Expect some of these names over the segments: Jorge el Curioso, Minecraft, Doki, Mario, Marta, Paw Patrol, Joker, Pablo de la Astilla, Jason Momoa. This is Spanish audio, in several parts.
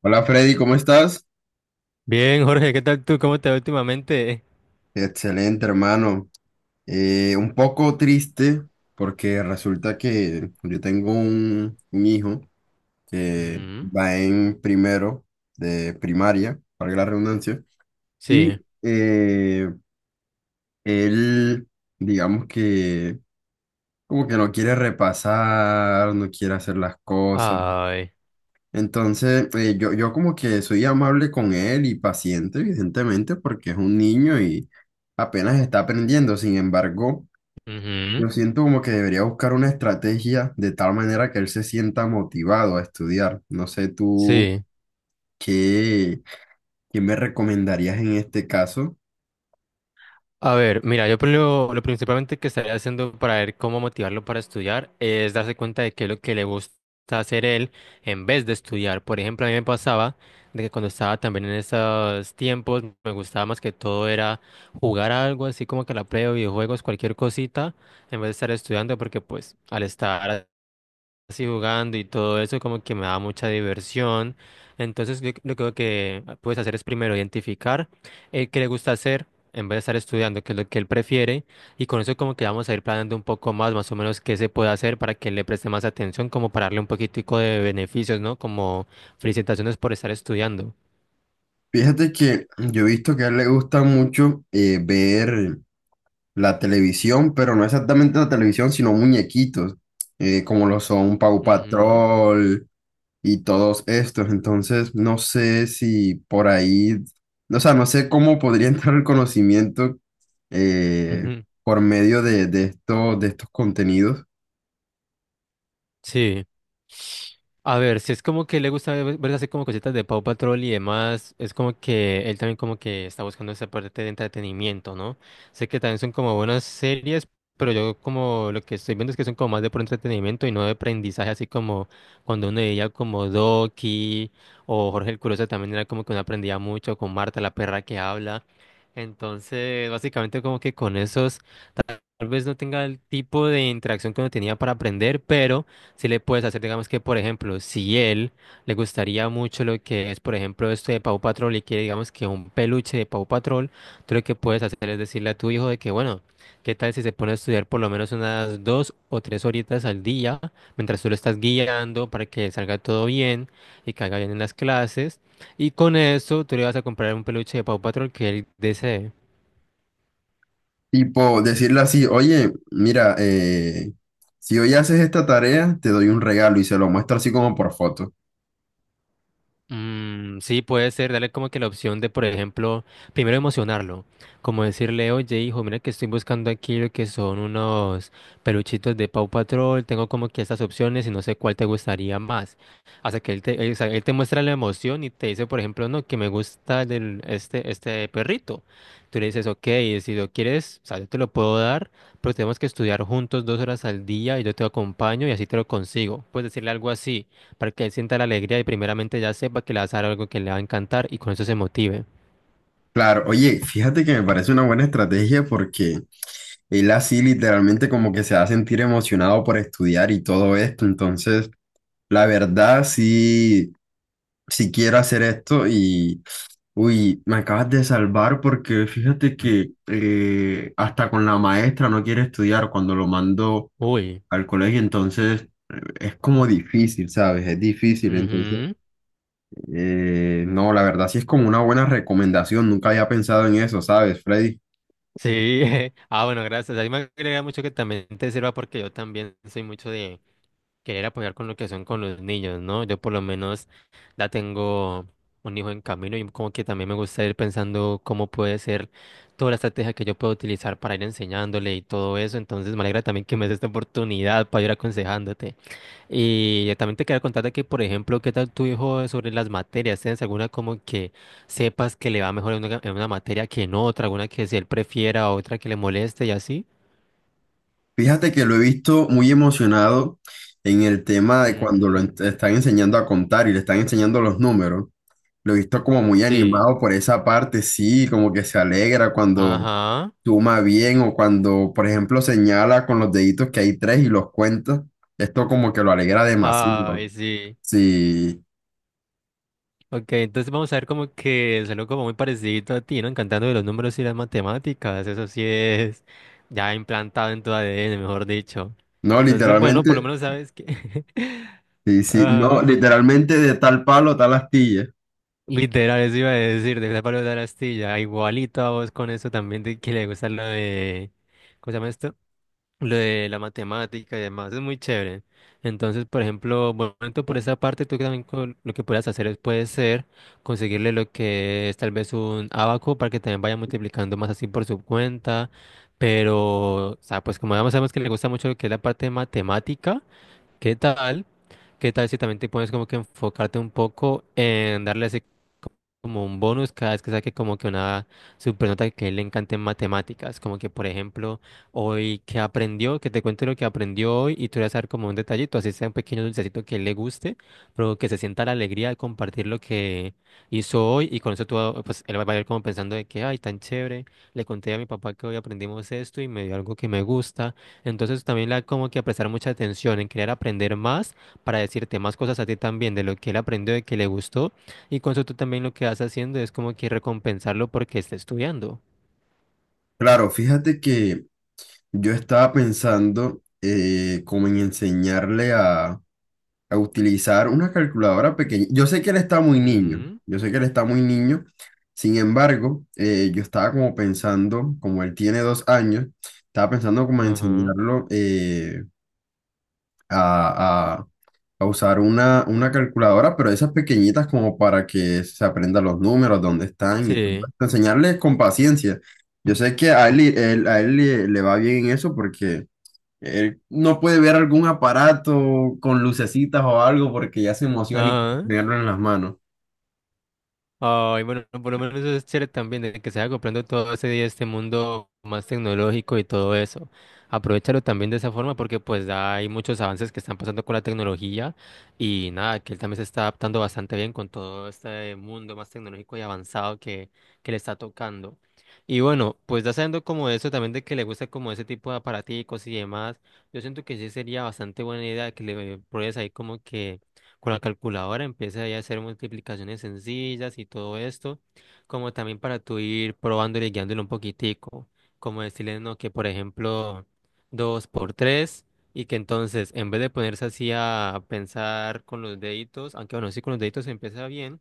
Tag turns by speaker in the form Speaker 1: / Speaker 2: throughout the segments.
Speaker 1: Hola, Freddy, ¿cómo estás?
Speaker 2: Bien, Jorge, ¿qué tal tú? ¿Cómo te va últimamente?
Speaker 1: Excelente, hermano. Un poco triste porque resulta que yo tengo un hijo que
Speaker 2: Ujú.
Speaker 1: va en primero de primaria, para la redundancia, y
Speaker 2: Sí.
Speaker 1: él, digamos que como que no quiere repasar, no quiere hacer las cosas.
Speaker 2: Ay.
Speaker 1: Entonces, yo como que soy amable con él y paciente, evidentemente, porque es un niño y apenas está aprendiendo. Sin embargo,
Speaker 2: Ujú.
Speaker 1: yo siento como que debería buscar una estrategia de tal manera que él se sienta motivado a estudiar. No sé tú
Speaker 2: Sí.
Speaker 1: qué, qué me recomendarías en este caso.
Speaker 2: A ver, mira, yo por lo principalmente que estaría haciendo para ver cómo motivarlo para estudiar es darse cuenta de qué es lo que le gusta hacer él en vez de estudiar. Por ejemplo, a mí me pasaba de que cuando estaba también en esos tiempos, me gustaba más que todo era jugar algo así como que la play o videojuegos, cualquier cosita, en vez de estar estudiando, porque pues al estar así jugando y todo eso como que me da mucha diversión. Entonces yo creo que puedes hacer es primero identificar qué le gusta hacer en vez de estar estudiando, qué es lo que él prefiere. Y con eso como que vamos a ir planeando un poco más, más o menos qué se puede hacer para que él le preste más atención, como para darle un poquitico de beneficios, ¿no? Como felicitaciones por estar estudiando.
Speaker 1: Fíjate que yo he visto que a él le gusta mucho ver la televisión, pero no exactamente la televisión, sino muñequitos, como lo son Paw
Speaker 2: Ujú.
Speaker 1: Patrol y todos estos. Entonces, no sé si por ahí, o sea, no sé cómo podría entrar el conocimiento eh,
Speaker 2: Ujú.
Speaker 1: por medio de estos contenidos.
Speaker 2: Sí. A ver, si es como que le gusta ver así como cositas de Paw Patrol y demás, es como que él también como que está buscando esa parte de entretenimiento, ¿no? Sé que también son como buenas series, pero yo como lo que estoy viendo es que son como más de por entretenimiento y no de aprendizaje, así como cuando uno veía como Doki o Jorge el Curioso también era como que uno aprendía mucho con Marta, la perra que habla. Entonces, básicamente como que con esos tal vez no tenga el tipo de interacción que uno tenía para aprender, pero si le puedes hacer, digamos que, por ejemplo, si él le gustaría mucho lo que es, por ejemplo, esto de Paw Patrol y quiere, digamos que, un peluche de Paw Patrol, tú lo que puedes hacer es decirle a tu hijo de que, bueno, ¿qué tal si se pone a estudiar por lo menos unas dos o tres horitas al día mientras tú lo estás guiando para que salga todo bien y que haga bien en las clases? Y con eso tú le vas a comprar un peluche de Paw Patrol que él desee.
Speaker 1: Tipo, decirle así, oye, mira, si hoy haces esta tarea, te doy un regalo y se lo muestro así como por foto.
Speaker 2: Mm, sí, puede ser, darle como que la opción de, por ejemplo, primero emocionarlo, como decirle, oye, hijo, mira que estoy buscando aquí lo que son unos peluchitos de Paw Patrol, tengo como que estas opciones y no sé cuál te gustaría más. Hasta que él te, él, o sea, él te muestra la emoción y te dice, por ejemplo, no, que me gusta del, este perrito. Tú le dices, ok, si lo quieres, o sea, yo te lo puedo dar, pero tenemos que estudiar juntos dos horas al día y yo te acompaño y así te lo consigo. Puedes decirle algo así para que él sienta la alegría y primeramente ya sepa que le vas a dar algo que le va a encantar y con eso se motive.
Speaker 1: Claro, oye, fíjate que me parece una buena estrategia porque él así literalmente como que se va a sentir emocionado por estudiar y todo esto. Entonces, la verdad, sí, si quiero hacer esto y, uy, me acabas de salvar porque fíjate
Speaker 2: Ujú.
Speaker 1: que hasta con la maestra no quiere estudiar cuando lo mando
Speaker 2: Uy.
Speaker 1: al colegio, entonces es como difícil, ¿sabes? Es difícil, entonces,
Speaker 2: Ujú.
Speaker 1: no, la verdad sí es como una buena recomendación, nunca había pensado en eso, ¿sabes, Freddy?
Speaker 2: Sí. Ah, bueno, gracias. A mí me agrega mucho que también te sirva porque yo también soy mucho de querer apoyar con lo que son con los niños, ¿no? Yo por lo menos ya tengo un hijo en camino y como que también me gusta ir pensando cómo puede ser toda la estrategia que yo puedo utilizar para ir enseñándole y todo eso. Entonces me alegra también que me des esta oportunidad para ir aconsejándote. Y también te quería contar de que, por ejemplo, ¿qué tal tu hijo sobre las materias? ¿Tienes alguna como que sepas que le va mejor en una materia que en otra? ¿Alguna que si él prefiera, otra que le moleste y así?
Speaker 1: Fíjate que lo he visto muy emocionado en el tema de cuando
Speaker 2: Ujú.
Speaker 1: están enseñando a contar y le están enseñando los números. Lo he visto como muy
Speaker 2: Sí.
Speaker 1: animado por esa parte, sí, como que se alegra cuando
Speaker 2: Ajá.
Speaker 1: suma bien o cuando, por ejemplo, señala con los deditos que hay tres y los cuenta. Esto como que lo alegra demasiado.
Speaker 2: Ay, sí.
Speaker 1: Sí,
Speaker 2: Ok, entonces vamos a ver como que salió como muy parecido a ti, ¿no? Encantando de los números y las matemáticas. Eso sí es ya implantado en tu ADN, mejor dicho.
Speaker 1: no,
Speaker 2: Entonces, bueno, por lo
Speaker 1: literalmente,
Speaker 2: menos sabes que...
Speaker 1: sí, no,
Speaker 2: Ajá.
Speaker 1: literalmente, de tal palo, tal astilla.
Speaker 2: Literal, eso iba a decir, de Pablo de la Astilla, igualito a vos con eso también, de que le gusta lo de, ¿cómo se llama esto? Lo de la matemática y demás, es muy chévere. Entonces, por ejemplo, bueno, tanto por esa parte, tú también con- lo que puedas hacer es, puede ser conseguirle lo que es tal vez un abaco para que también vaya multiplicando más así por su cuenta, pero, o sea, pues como ya sabemos que le gusta mucho lo que es la parte de matemática, ¿qué tal? ¿Qué tal si también te pones como que enfocarte un poco en darle así como un bonus cada vez que saque como que una supernota que a él le encante en matemáticas? Como que, por ejemplo, hoy que aprendió, que te cuente lo que aprendió hoy y tú le vas a dar como un detallito, así sea un pequeño dulcecito que a él le guste, pero que se sienta la alegría de compartir lo que hizo hoy y con eso tú, ah, pues él va a ir como pensando de que, ay, tan chévere, le conté a mi papá que hoy aprendimos esto y me dio algo que me gusta entonces también la como que a prestar mucha atención en querer aprender más para decirte más cosas a ti también de lo que él aprendió, de que le gustó. Y con eso tú también lo que vas haciendo es como que recompensarlo porque está estudiando.
Speaker 1: Claro, fíjate que yo estaba pensando como en enseñarle a utilizar una calculadora pequeña. Yo sé que él está muy niño,
Speaker 2: Ujú.
Speaker 1: yo sé que él está muy niño. Sin embargo, yo estaba como pensando, como él tiene 2 años, estaba pensando como en
Speaker 2: Ajá.
Speaker 1: enseñarlo a, a- a usar una calculadora, pero esas pequeñitas como para que se aprenda los números, dónde están y todo
Speaker 2: Sí.
Speaker 1: esto. Enseñarle con paciencia. Yo sé que a él le va bien en eso porque él no puede ver algún aparato con lucecitas o algo porque ya se emociona y quiere
Speaker 2: Ajá.
Speaker 1: tenerlo en las manos.
Speaker 2: Ay, bueno, por lo menos eso es chévere también, de que se vaya comprando todo ese día este mundo más tecnológico y todo eso. Aprovechalo también de esa forma porque pues hay muchos avances que están pasando con la tecnología y nada, que él también se está adaptando bastante bien con todo este mundo más tecnológico y avanzado que le está tocando. Y bueno, pues ya sabiendo como eso también de que le gusta como ese tipo de aparaticos y demás, yo siento que sí sería bastante buena idea que le pruebes ahí como que con la calculadora, empieza ahí a hacer multiplicaciones sencillas y todo esto, como también para tú ir probándole y guiándole un poquitico, como decirle, no, que por ejemplo, 2 por 3 y que entonces, en vez de ponerse así a pensar con los deditos, aunque bueno, sí con los deditos se empieza bien,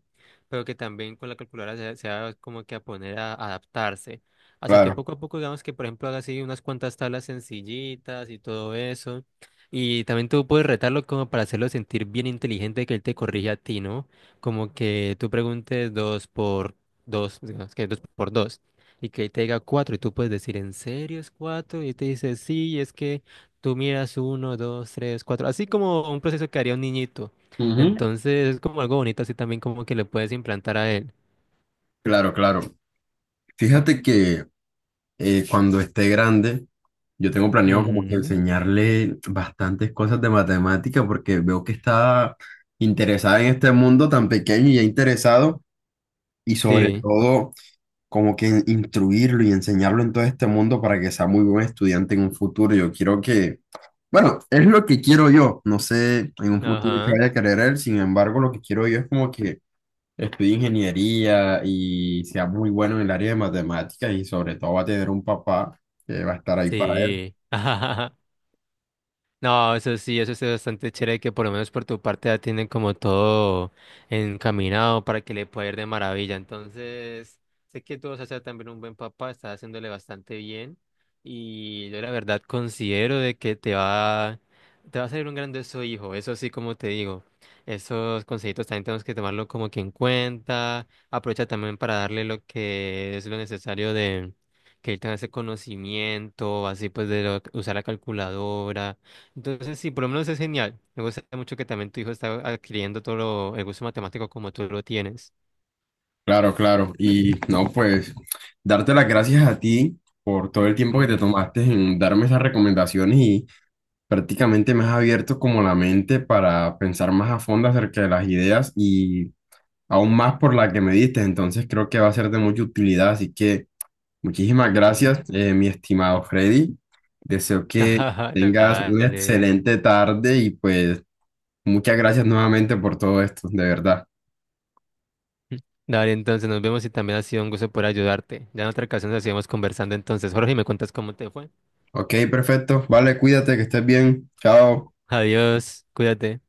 Speaker 2: pero que también con la calculadora se va como que a poner a adaptarse. Hasta que
Speaker 1: Claro.
Speaker 2: poco a poco, digamos que, por ejemplo, haga así unas cuantas tablas sencillitas y todo eso. Y también tú puedes retarlo como para hacerlo sentir bien inteligente que él te corrige a ti, ¿no? Como que tú preguntes dos por dos, digamos que dos por dos, y que él te diga cuatro, y tú puedes decir, ¿en serio es cuatro? Y te dice, sí, es que tú miras uno, dos, tres, cuatro, así como un proceso que haría un niñito.
Speaker 1: Ujú.
Speaker 2: Entonces es como algo bonito, así también como que le puedes implantar a él.
Speaker 1: Claro, claro. Fíjate que cuando esté grande, yo tengo planeado como que
Speaker 2: Ujú.
Speaker 1: enseñarle bastantes cosas de matemática porque veo que está interesada en este mundo tan pequeño y ya interesado y sobre
Speaker 2: Sí.
Speaker 1: todo como que instruirlo y enseñarlo en todo este mundo para que sea muy buen estudiante en un futuro. Yo quiero que, bueno, es lo que quiero yo. No sé en un futuro que
Speaker 2: Ajá.
Speaker 1: vaya a querer él. Sin embargo, lo que quiero yo es como que estudie ingeniería y sea muy bueno en el área de matemáticas y sobre todo va a tener un papá que va a estar ahí para él.
Speaker 2: Sí. No, eso sí es bastante chévere que por lo menos por tu parte ya tienen como todo encaminado para que le pueda ir de maravilla. Entonces, sé que tú vas a ser también un buen papá, estás haciéndole bastante bien y yo la verdad considero de que te va a salir un grandioso hijo, eso sí, como te digo. Esos consejitos también tenemos que tomarlo como que en cuenta. Aprovecha también para darle lo que es lo necesario de que él tenga ese conocimiento, así pues de lo- usar la calculadora entonces, sí, por lo menos es genial. Me gusta mucho que también tu hijo está adquiriendo todo lo- el gusto matemático como tú lo tienes.
Speaker 1: Claro, claro. Y no, pues darte las gracias a ti por todo el tiempo que te
Speaker 2: Mm.
Speaker 1: tomaste en darme esas recomendaciones y prácticamente me has abierto como la mente para pensar más a fondo acerca de las ideas y aún más por la que me diste, entonces creo que va a ser de mucha utilidad, así que muchísimas gracias,
Speaker 2: Ujú.
Speaker 1: mi estimado Freddy. Deseo que
Speaker 2: Ajá,
Speaker 1: tengas una
Speaker 2: dale.
Speaker 1: excelente tarde y pues muchas gracias nuevamente por todo esto, de verdad.
Speaker 2: Dale, entonces nos vemos y también ha sido un gusto por ayudarte. Ya en otra ocasión nos seguimos conversando entonces. Jorge, ¿me cuentas cómo te fue?
Speaker 1: Ok, perfecto. Vale, cuídate, que estés bien. Chao.
Speaker 2: Adiós, cuídate.